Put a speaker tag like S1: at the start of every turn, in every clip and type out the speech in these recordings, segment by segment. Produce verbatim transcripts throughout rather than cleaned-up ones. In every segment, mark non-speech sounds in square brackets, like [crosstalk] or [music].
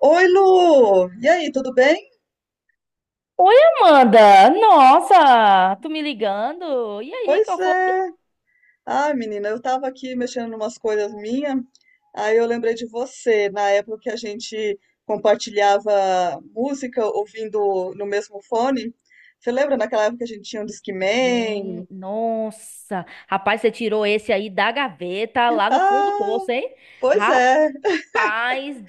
S1: Oi, Lu! E aí, tudo bem?
S2: Oi, Amanda! Nossa, tu me ligando? E aí,
S1: Pois
S2: qual foi?
S1: é. Ai, menina, eu tava aqui mexendo em umas coisas minhas, aí eu lembrei de você, na época que a gente compartilhava música ouvindo no mesmo fone. Você lembra naquela época que a gente tinha um Discman?
S2: Gente, nossa! Rapaz, você tirou esse aí da gaveta lá no fundo do
S1: Ah,
S2: poço, hein?
S1: pois
S2: Rapaz,
S1: é.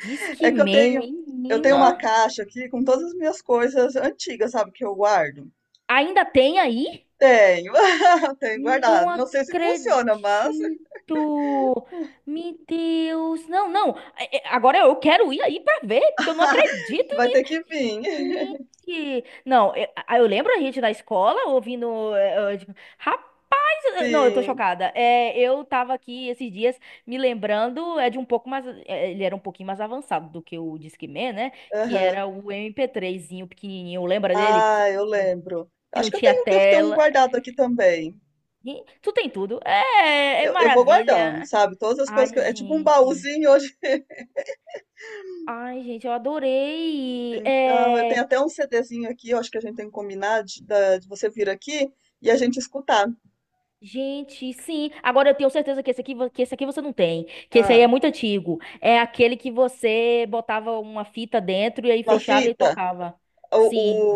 S2: diz que
S1: É que eu tenho,
S2: meme,
S1: eu tenho uma
S2: menina.
S1: caixa aqui com todas as minhas coisas antigas, sabe, que eu guardo.
S2: Ainda tem aí?
S1: Tenho, [laughs] tenho
S2: Não
S1: guardado. Não sei se funciona, mas
S2: acredito! Meu Deus! Não, não! É, é, Agora eu quero ir aí pra ver, porque eu não
S1: [laughs]
S2: acredito
S1: vai ter
S2: nisso!
S1: que vir.
S2: Gente, não, eu, a- eu lembro a gente na escola ouvindo. Eh, eh, tipo, não, eu tô
S1: Sim.
S2: chocada. É, eu tava aqui esses dias me lembrando, é de um pouco mais, é, ele era um pouquinho mais avançado do que o Discman, né? Que
S1: Aham.
S2: era o eme pê três zinho pequenininho, lembra dele? Pequ-
S1: Ah, eu lembro.
S2: Que
S1: Acho
S2: não
S1: que eu
S2: tinha
S1: tenho, devo ter um
S2: tela.
S1: guardado aqui também.
S2: E tu tem tudo. É, é
S1: Eu, eu vou guardando,
S2: maravilha.
S1: sabe? Todas as
S2: Ai,
S1: coisas que eu- é tipo um
S2: gente.
S1: baúzinho hoje. [laughs]
S2: Ai, gente, eu adorei.
S1: Então, eu
S2: É,
S1: tenho até um CDzinho aqui, eu acho que a gente tem que combinar de, da- de você vir aqui e a gente escutar.
S2: gente, sim. Agora eu tenho certeza que esse aqui, vo- que esse aqui você não tem, que esse aí
S1: Ah,
S2: é muito antigo. É aquele que você botava uma fita dentro e aí
S1: uma
S2: fechava e
S1: fita.
S2: tocava.
S1: O,
S2: Sim,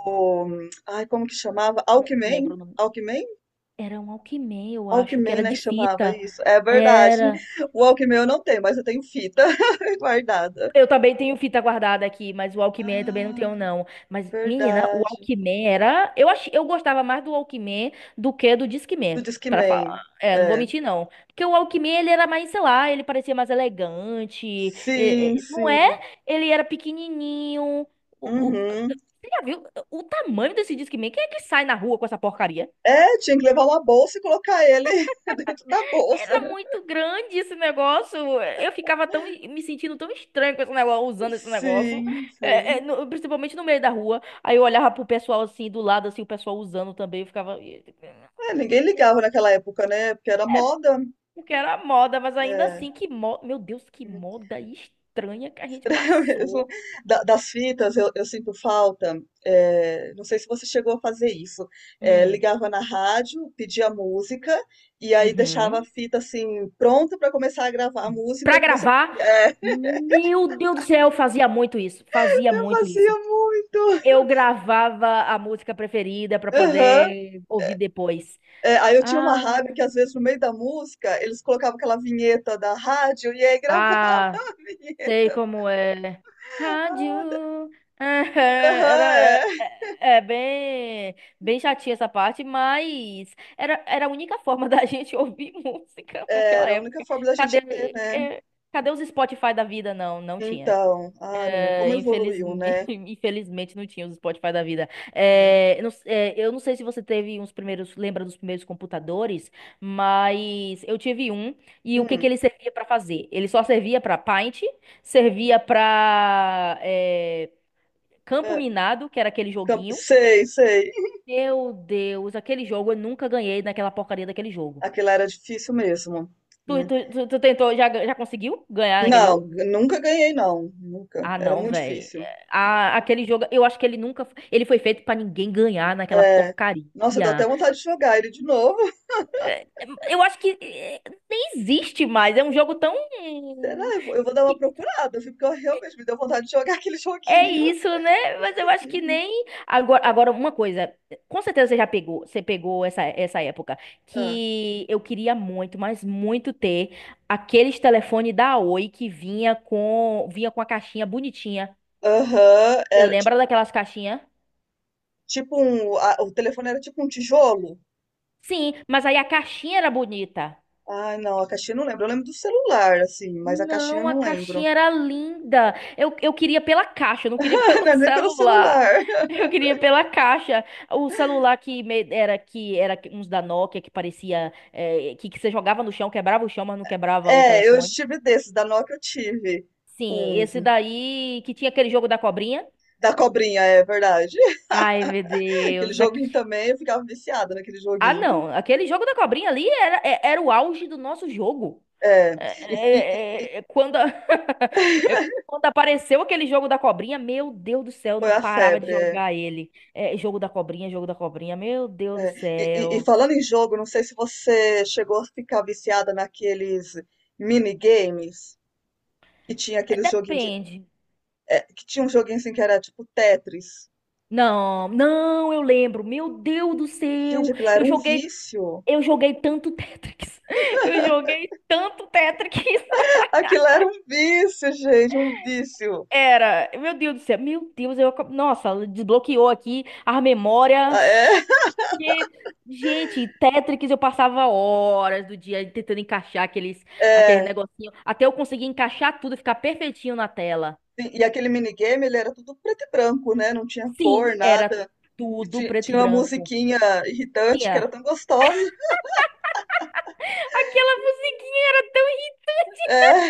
S1: o- Ai, como que chamava?
S2: não
S1: Alckmin?
S2: lembro o nome.
S1: Alckmin?
S2: Era um Walkman, eu acho que
S1: Alckmin,
S2: era
S1: né,
S2: de
S1: chamava
S2: fita.
S1: isso. É verdade.
S2: Era.
S1: O Alckmin eu não tenho, mas eu tenho fita [laughs] guardada.
S2: Eu também tenho fita guardada aqui, mas o Walkman eu também não
S1: Ah,
S2: tenho, não. Mas, menina, o
S1: verdade.
S2: Walkman era. Eu, ach... eu gostava mais do Walkman do que do
S1: Do
S2: Discman, pra falar.
S1: Discman.
S2: É, não vou
S1: É.
S2: mentir, não. Porque o Walkman, ele era mais, sei lá, ele parecia mais elegante. e-
S1: Sim,
S2: e- Não é?
S1: sim.
S2: Ele era pequenininho. O, o-
S1: Uhum.
S2: Você já viu o tamanho desse Discman? Quem é que sai na rua com essa porcaria?
S1: É, tinha que levar uma bolsa e colocar ele [laughs] dentro da bolsa.
S2: Era muito grande esse negócio. Eu ficava tão me sentindo tão estranho com esse negócio, usando esse negócio,
S1: Sim,
S2: É, é,
S1: sim.
S2: no- principalmente no meio da rua. Aí eu olhava pro pessoal assim do lado, assim o pessoal usando também, eu ficava
S1: É, ninguém ligava naquela época, né? Porque era moda.
S2: porque era moda, mas ainda
S1: É.
S2: assim que moda, meu Deus, que
S1: [laughs]
S2: moda estranha que a gente
S1: Mesmo.
S2: passou.
S1: Da- das fitas, eu, eu sinto falta. É, não sei se você chegou a fazer isso. É,
S2: Hum,
S1: ligava na rádio, pedia música, e aí deixava a
S2: uhum.
S1: fita assim, pronta para começar a gravar a música
S2: Pra
S1: que você podia.
S2: gravar,
S1: É,
S2: meu Deus do céu, eu fazia muito isso,
S1: [laughs]
S2: fazia
S1: eu
S2: muito
S1: fazia
S2: isso.
S1: muito.
S2: Eu gravava a música preferida pra
S1: Aham.
S2: poder ouvir depois.
S1: É, aí eu tinha uma
S2: Ah,
S1: rádio que às vezes no meio da música eles colocavam aquela vinheta da rádio e aí gravava [laughs]
S2: ah,
S1: a
S2: sei
S1: vinheta.
S2: como é. Rádio. [laughs] Aham,
S1: Aham,
S2: era,
S1: é.
S2: é, é bem, bem chatinha essa parte, mas era, era a única forma da gente [laughs] ouvir música naquela
S1: Era a única
S2: época.
S1: forma da gente ter,
S2: Cadê,
S1: né?
S2: é, Cadê os Spotify da vida? Não, não tinha.
S1: Então, ah, menina,
S2: É,
S1: como evoluiu,
S2: infelizmente, [laughs]
S1: né?
S2: infelizmente não tinha os Spotify da vida.
S1: É.
S2: É, eu não, é, eu não sei se você teve uns primeiros, lembra dos primeiros computadores, mas eu tive um e o que que
S1: Hum,
S2: ele servia para fazer? Ele só servia para Paint, servia para Campo
S1: é.
S2: Minado, que era aquele
S1: Camp-
S2: joguinho.
S1: Sei, sei.
S2: Meu Deus, aquele jogo eu nunca ganhei naquela porcaria daquele jogo.
S1: Aquela era difícil mesmo,
S2: Tu,
S1: né?
S2: tu, tu, tu tentou, já, já conseguiu ganhar naquele
S1: Não,
S2: jogo?
S1: nunca ganhei, não. Nunca.
S2: Ah,
S1: Era
S2: não,
S1: muito
S2: velho.
S1: difícil.
S2: Aquele jogo, eu acho que ele nunca. f- Ele foi feito pra ninguém ganhar naquela
S1: É.
S2: porcaria.
S1: Nossa, dá até vontade de jogar ele de novo. [laughs]
S2: É, Eu acho que é, nem existe mais. É um jogo tão.
S1: Será? Eu vou, eu vou dar uma
S2: Que
S1: procurada, viu? Porque eu realmente me deu vontade de jogar [laughs] aquele
S2: É
S1: joguinho.
S2: isso, né? Mas eu acho que nem. Agora, agora uma coisa. Com certeza você já pegou. Você pegou essa, essa época.
S1: Ah.
S2: Que eu queria muito, mas muito ter aqueles telefones da Oi que vinha com, vinha com a caixinha bonitinha.
S1: Aham,
S2: Você
S1: era
S2: lembra
S1: tipo,
S2: daquelas caixinhas?
S1: tipo um, a- o telefone era tipo um tijolo.
S2: Sim, mas aí a caixinha era bonita.
S1: Ai, não, a caixinha eu não lembro. Eu lembro do celular, assim, mas a caixinha eu
S2: Não, a
S1: não lembro.
S2: caixinha era linda. Eu, eu queria pela caixa, eu não
S1: [laughs]
S2: queria [laughs]
S1: Ai, não
S2: pelo
S1: é nem pelo
S2: celular.
S1: celular. [laughs]
S2: Eu queria pela caixa. O celular que me- era que era uns da Nokia que parecia eh, que, que você jogava no chão, quebrava o chão, mas não quebrava o
S1: É, eu
S2: telefone.
S1: tive desses, da Nokia eu tive
S2: Sim,
S1: uns.
S2: esse daí que tinha aquele jogo da cobrinha.
S1: Da cobrinha, é verdade.
S2: Ai, meu
S1: [laughs] Aquele
S2: Deus.
S1: joguinho
S2: aqui-
S1: também, eu ficava viciada naquele
S2: Ah,
S1: joguinho.
S2: não. Aquele jogo da cobrinha ali era, é- era o auge do nosso jogo.
S1: É,
S2: É,
S1: e, e
S2: é, é, é, Quando, a- [laughs] é, quando apareceu aquele jogo da cobrinha, meu Deus do céu, eu não
S1: foi a
S2: parava de
S1: febre. É,
S2: jogar ele. É, jogo da cobrinha, jogo da cobrinha, meu Deus do
S1: é. E, e- e
S2: céu.
S1: falando em jogo, não sei se você chegou a ficar viciada naqueles minigames que tinha
S2: É,
S1: aqueles joguinhos
S2: depende.
S1: que tinha um joguinho assim que era tipo Tetris.
S2: Não, não, eu lembro. Meu Deus do
S1: Gente,
S2: céu,
S1: aquilo era
S2: eu
S1: um
S2: joguei,
S1: vício.
S2: eu joguei tanto Tetris. [laughs] Eu joguei tanto Tetris.
S1: [laughs] Aquilo era um vício, gente, um vício.
S2: Era, meu Deus do céu, meu Deus, eu, acab- nossa, desbloqueou aqui a memória.
S1: Ah, é?
S2: Che- Gente, Tetris eu passava horas do dia tentando encaixar aqueles, aquele
S1: É.
S2: negocinho, até eu conseguir encaixar tudo, ficar perfeitinho na tela.
S1: E aquele minigame, ele era tudo preto e branco, né? Não tinha cor,
S2: Sim, era
S1: nada. E
S2: tudo
S1: ti-
S2: preto e
S1: tinha uma
S2: branco.
S1: musiquinha irritante que era
S2: Tinha.
S1: tão gostosa. [laughs]
S2: Aquela musiquinha era tão ri-
S1: É.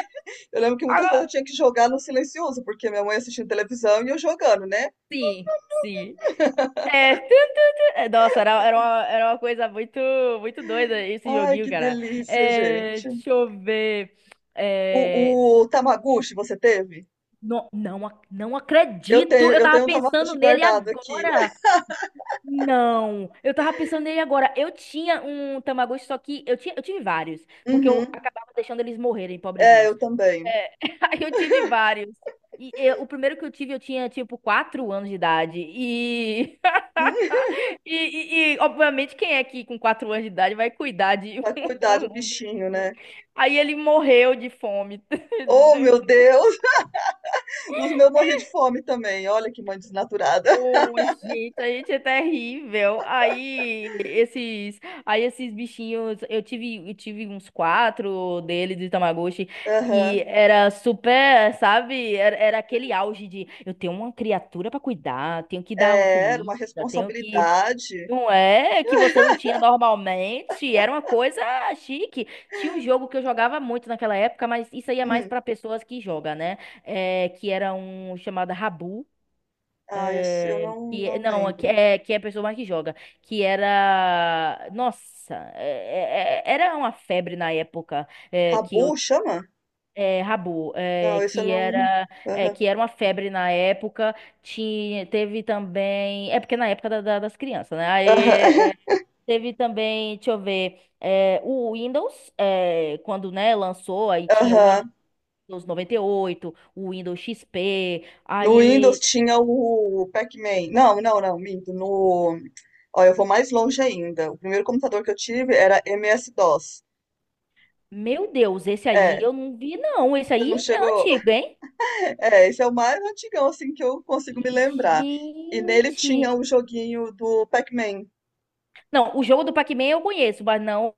S1: Eu lembro que muitas vezes eu
S2: ah,
S1: tinha que jogar no silencioso, porque minha mãe assistindo televisão e eu jogando, né?
S2: sim, sim. É, tu, tu, tu. É, Nossa, era, era, uma, era uma coisa muito, muito doida esse
S1: Ai,
S2: joguinho,
S1: que
S2: cara.
S1: delícia,
S2: É,
S1: gente.
S2: deixa eu ver.
S1: O,
S2: É,
S1: o Tamagotchi você teve?
S2: não, não, ac- não
S1: Eu
S2: acredito.
S1: tenho,
S2: Eu
S1: eu
S2: tava
S1: tenho um
S2: pensando
S1: Tamagotchi
S2: nele
S1: guardado aqui.
S2: agora.
S1: [laughs]
S2: Não, eu tava pensando nele agora. Eu tinha um Tamagotchi, só que eu tinha, eu tive vários, porque eu
S1: Uhum.
S2: acabava deixando eles morrerem,
S1: É,
S2: pobrezinhos.
S1: eu também.
S2: É, [laughs] aí eu tive vários. E eu- o primeiro que eu tive, eu tinha tipo quatro anos de idade. e
S1: Hum,
S2: [laughs] E, e- e, obviamente, quem é que com quatro anos de idade vai cuidar de
S1: pra
S2: [laughs]
S1: cuidar
S2: um,
S1: do
S2: um
S1: bichinho,
S2: bichinho?
S1: né.
S2: Aí ele morreu de fome.
S1: Oh, meu
S2: [laughs]
S1: Deus! [laughs] Os meus morri de fome também, olha que mãe desnaturada. [laughs]
S2: Oh, gente, a gente é terrível. Aí esses, aí esses bichinhos, eu tive, eu tive uns quatro deles de Tamagotchi
S1: Aham.
S2: e era super, sabe? Era, era aquele auge de eu tenho uma criatura pra cuidar, tenho que dar
S1: É, era
S2: comida,
S1: uma
S2: tenho que
S1: responsabilidade.
S2: não é que você não tinha normalmente, era uma coisa chique. Tinha um jogo que eu jogava muito naquela época, mas isso aí é mais
S1: Hum.
S2: para pessoas que jogam, né? É, que era um chamado Rabu.
S1: Ah, esse eu
S2: É,
S1: não
S2: que
S1: não
S2: não que
S1: lembro.
S2: é que É a pessoa mais que joga, que era nossa é- é- é- era uma febre na época, é, que
S1: Rabu
S2: eu ti-
S1: chama?
S2: é, Rabu,
S1: Não,
S2: é,
S1: esse eu
S2: que
S1: não
S2: era é,
S1: aham.
S2: que era uma febre na época. Tinha teve também É porque na época da- da- das crianças, né? aí
S1: Aham.
S2: é,
S1: [laughs]
S2: Teve também, deixa eu ver, é, o Windows, é, quando, né, lançou, aí tinha o
S1: Aham.
S2: Windows noventa e oito, o Windows X P,
S1: No Windows
S2: aí,
S1: tinha o Pac-Man. Não, não, não, minto, no ó, eu vou mais longe ainda, o primeiro computador que eu tive era M S-dós.
S2: meu Deus, esse aí
S1: É,
S2: eu não vi, não, esse
S1: você não
S2: aí é
S1: chegou.
S2: antigo, hein?
S1: É, esse é o mais antigão, assim, que eu consigo me lembrar. E nele
S2: Gente...
S1: tinha o joguinho do Pac-Man.
S2: Não, o jogo do Pac-Man eu conheço, mas não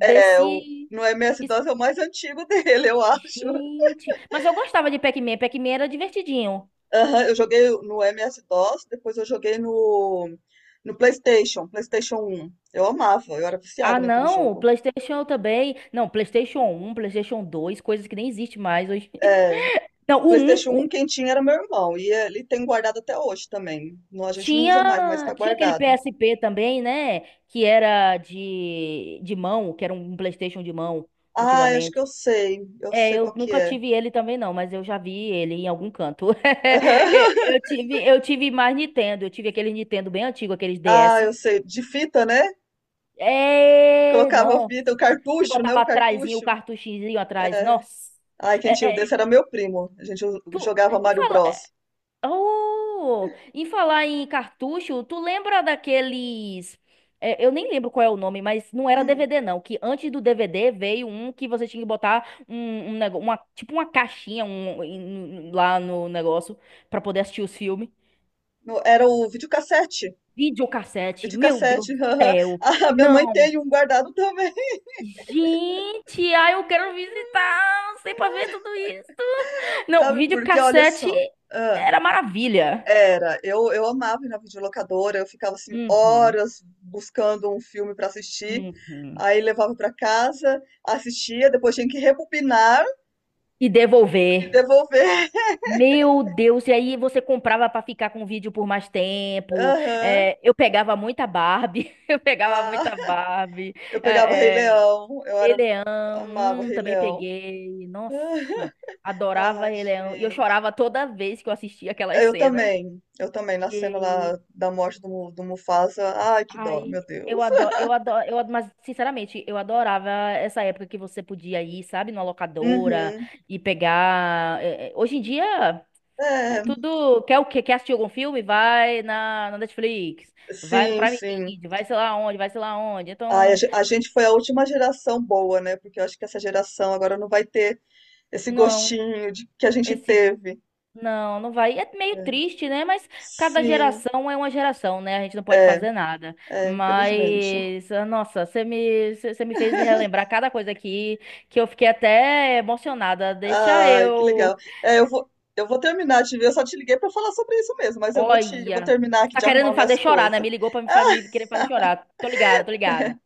S1: É, o, no
S2: es-
S1: M S-dós é o mais antigo [laughs] dele, eu acho.
S2: Gente... Mas eu gostava de Pac-Man, Pac-Man era divertidinho.
S1: Aham, eu joguei no M S-D O S, depois eu joguei no, no PlayStation, PlayStation um. Eu amava, eu era
S2: Ah,
S1: viciada naquele
S2: não, o
S1: jogo.
S2: PlayStation eu também. Não, PlayStation um, PlayStation dois, coisas que nem existe mais hoje.
S1: É, o
S2: Não, o um
S1: PlayStation um
S2: o-
S1: quem tinha era meu irmão, e ele tem guardado até hoje também. Não, a gente não usa mais, mas
S2: Tinha,
S1: tá
S2: tinha aquele
S1: guardado.
S2: P S P também, né? Que era de, de mão, que era um um PlayStation de mão,
S1: Ah, acho que
S2: antigamente.
S1: eu sei, eu
S2: É,
S1: sei
S2: eu
S1: qual que
S2: nunca
S1: é.
S2: tive ele também, não, mas eu já vi ele em algum canto. [laughs]
S1: [laughs]
S2: Eu eu tive, eu tive mais Nintendo, eu tive aquele Nintendo bem antigo, aqueles
S1: Ah, eu
S2: D S.
S1: sei, de fita, né?
S2: É,
S1: Colocava a
S2: nossa,
S1: fita, o
S2: que
S1: cartucho, né?
S2: botava
S1: O
S2: atrás o
S1: cartucho.
S2: cartuchinho atrás,
S1: É.
S2: nossa.
S1: Ai, quem tinha o
S2: É, é,
S1: desse era meu primo. A gente jo-
S2: tu,
S1: jogava Mario Bros.
S2: Oh, em falar em cartucho, tu lembra daqueles. É, eu nem lembro qual é o nome, mas não era
S1: Hum.
S2: D V D, não. Que antes do D V D veio um que você tinha que botar um, um nego- uma, tipo uma caixinha, um, em- lá no negócio pra poder assistir os filmes.
S1: No- era o videocassete.
S2: Videocassete, meu Deus
S1: Videocassete.
S2: do
S1: [laughs] Aham.
S2: céu.
S1: Ah, minha mãe
S2: Não.
S1: tem um guardado também.
S2: Gente, ai, eu quero visitar, sei pra ver tudo isso.
S1: [laughs]
S2: Não,
S1: Sabe por quê? Olha
S2: videocassete
S1: só. Ah,
S2: era maravilha.
S1: era. Eu, eu amava ir na videolocadora. Eu ficava assim
S2: Uhum,
S1: horas buscando um filme para assistir.
S2: uhum.
S1: Aí levava para casa, assistia, depois tinha que rebobinar
S2: E
S1: e
S2: devolver.
S1: devolver.
S2: Meu Deus, e aí você comprava pra ficar com o vídeo por mais
S1: [laughs]
S2: tempo.
S1: Aham.
S2: É, eu pegava muita Barbie, [laughs] eu pegava
S1: Ah,
S2: muita Barbie.
S1: eu pegava Rei
S2: É, é,
S1: Leão, eu
S2: Rei
S1: era
S2: Leão,
S1: amava
S2: hum,
S1: Rei
S2: também
S1: Leão.
S2: peguei. Nossa,
S1: [laughs]
S2: adorava
S1: Ah,
S2: Rei Leão. E eu
S1: gente.
S2: chorava toda vez que eu assistia aquelas
S1: Eu
S2: cenas.
S1: também, eu também, na cena
S2: E,
S1: lá da morte do, Mu- do Mufasa. Ai, que dó,
S2: ai,
S1: meu
S2: eu
S1: Deus.
S2: adoro,
S1: [laughs]
S2: eu adoro, eu, ad- mas sinceramente, eu adorava essa época que você podia ir, sabe, numa locadora
S1: Uhum.
S2: e pegar. É, é, hoje em dia.
S1: É,
S2: É tudo. Quer o quê? Quer assistir algum filme? Vai na, na Netflix. Vai no
S1: sim,
S2: Prime
S1: sim.
S2: Video. Vai sei lá onde, vai sei lá onde.
S1: Ai, a,
S2: Então,
S1: ge- a gente foi a última geração boa, né? Porque eu acho que essa geração agora não vai ter esse
S2: não.
S1: gostinho de, que a gente
S2: Esse.
S1: teve.
S2: Não, não vai. É meio
S1: É,
S2: triste, né? Mas cada
S1: sim,
S2: geração é uma geração, né? A gente não pode
S1: é,
S2: fazer nada.
S1: é, infelizmente.
S2: Mas, ah, nossa, você me, você você me fez relembrar cada coisa aqui que eu fiquei até emocionada. Deixa
S1: Ai, que legal.
S2: eu.
S1: É, eu vou, eu vou terminar de ver, eu só te liguei para falar sobre isso mesmo, mas eu vou te, eu vou
S2: Olha.
S1: terminar aqui
S2: Tá
S1: de
S2: querendo
S1: arrumar
S2: me fazer
S1: minhas
S2: chorar, né?
S1: coisas.
S2: Me ligou pra me, fa- me querer fazer chorar. Tô ligada, tô ligada.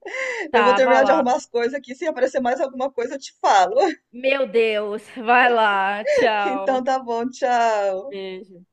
S1: Eu vou
S2: Tava
S1: terminar de
S2: lá.
S1: arrumar as coisas aqui, se aparecer mais alguma coisa eu te falo.
S2: Meu Deus, vai lá,
S1: [laughs] Então
S2: tchau.
S1: tá bom, tchau.
S2: Beijo.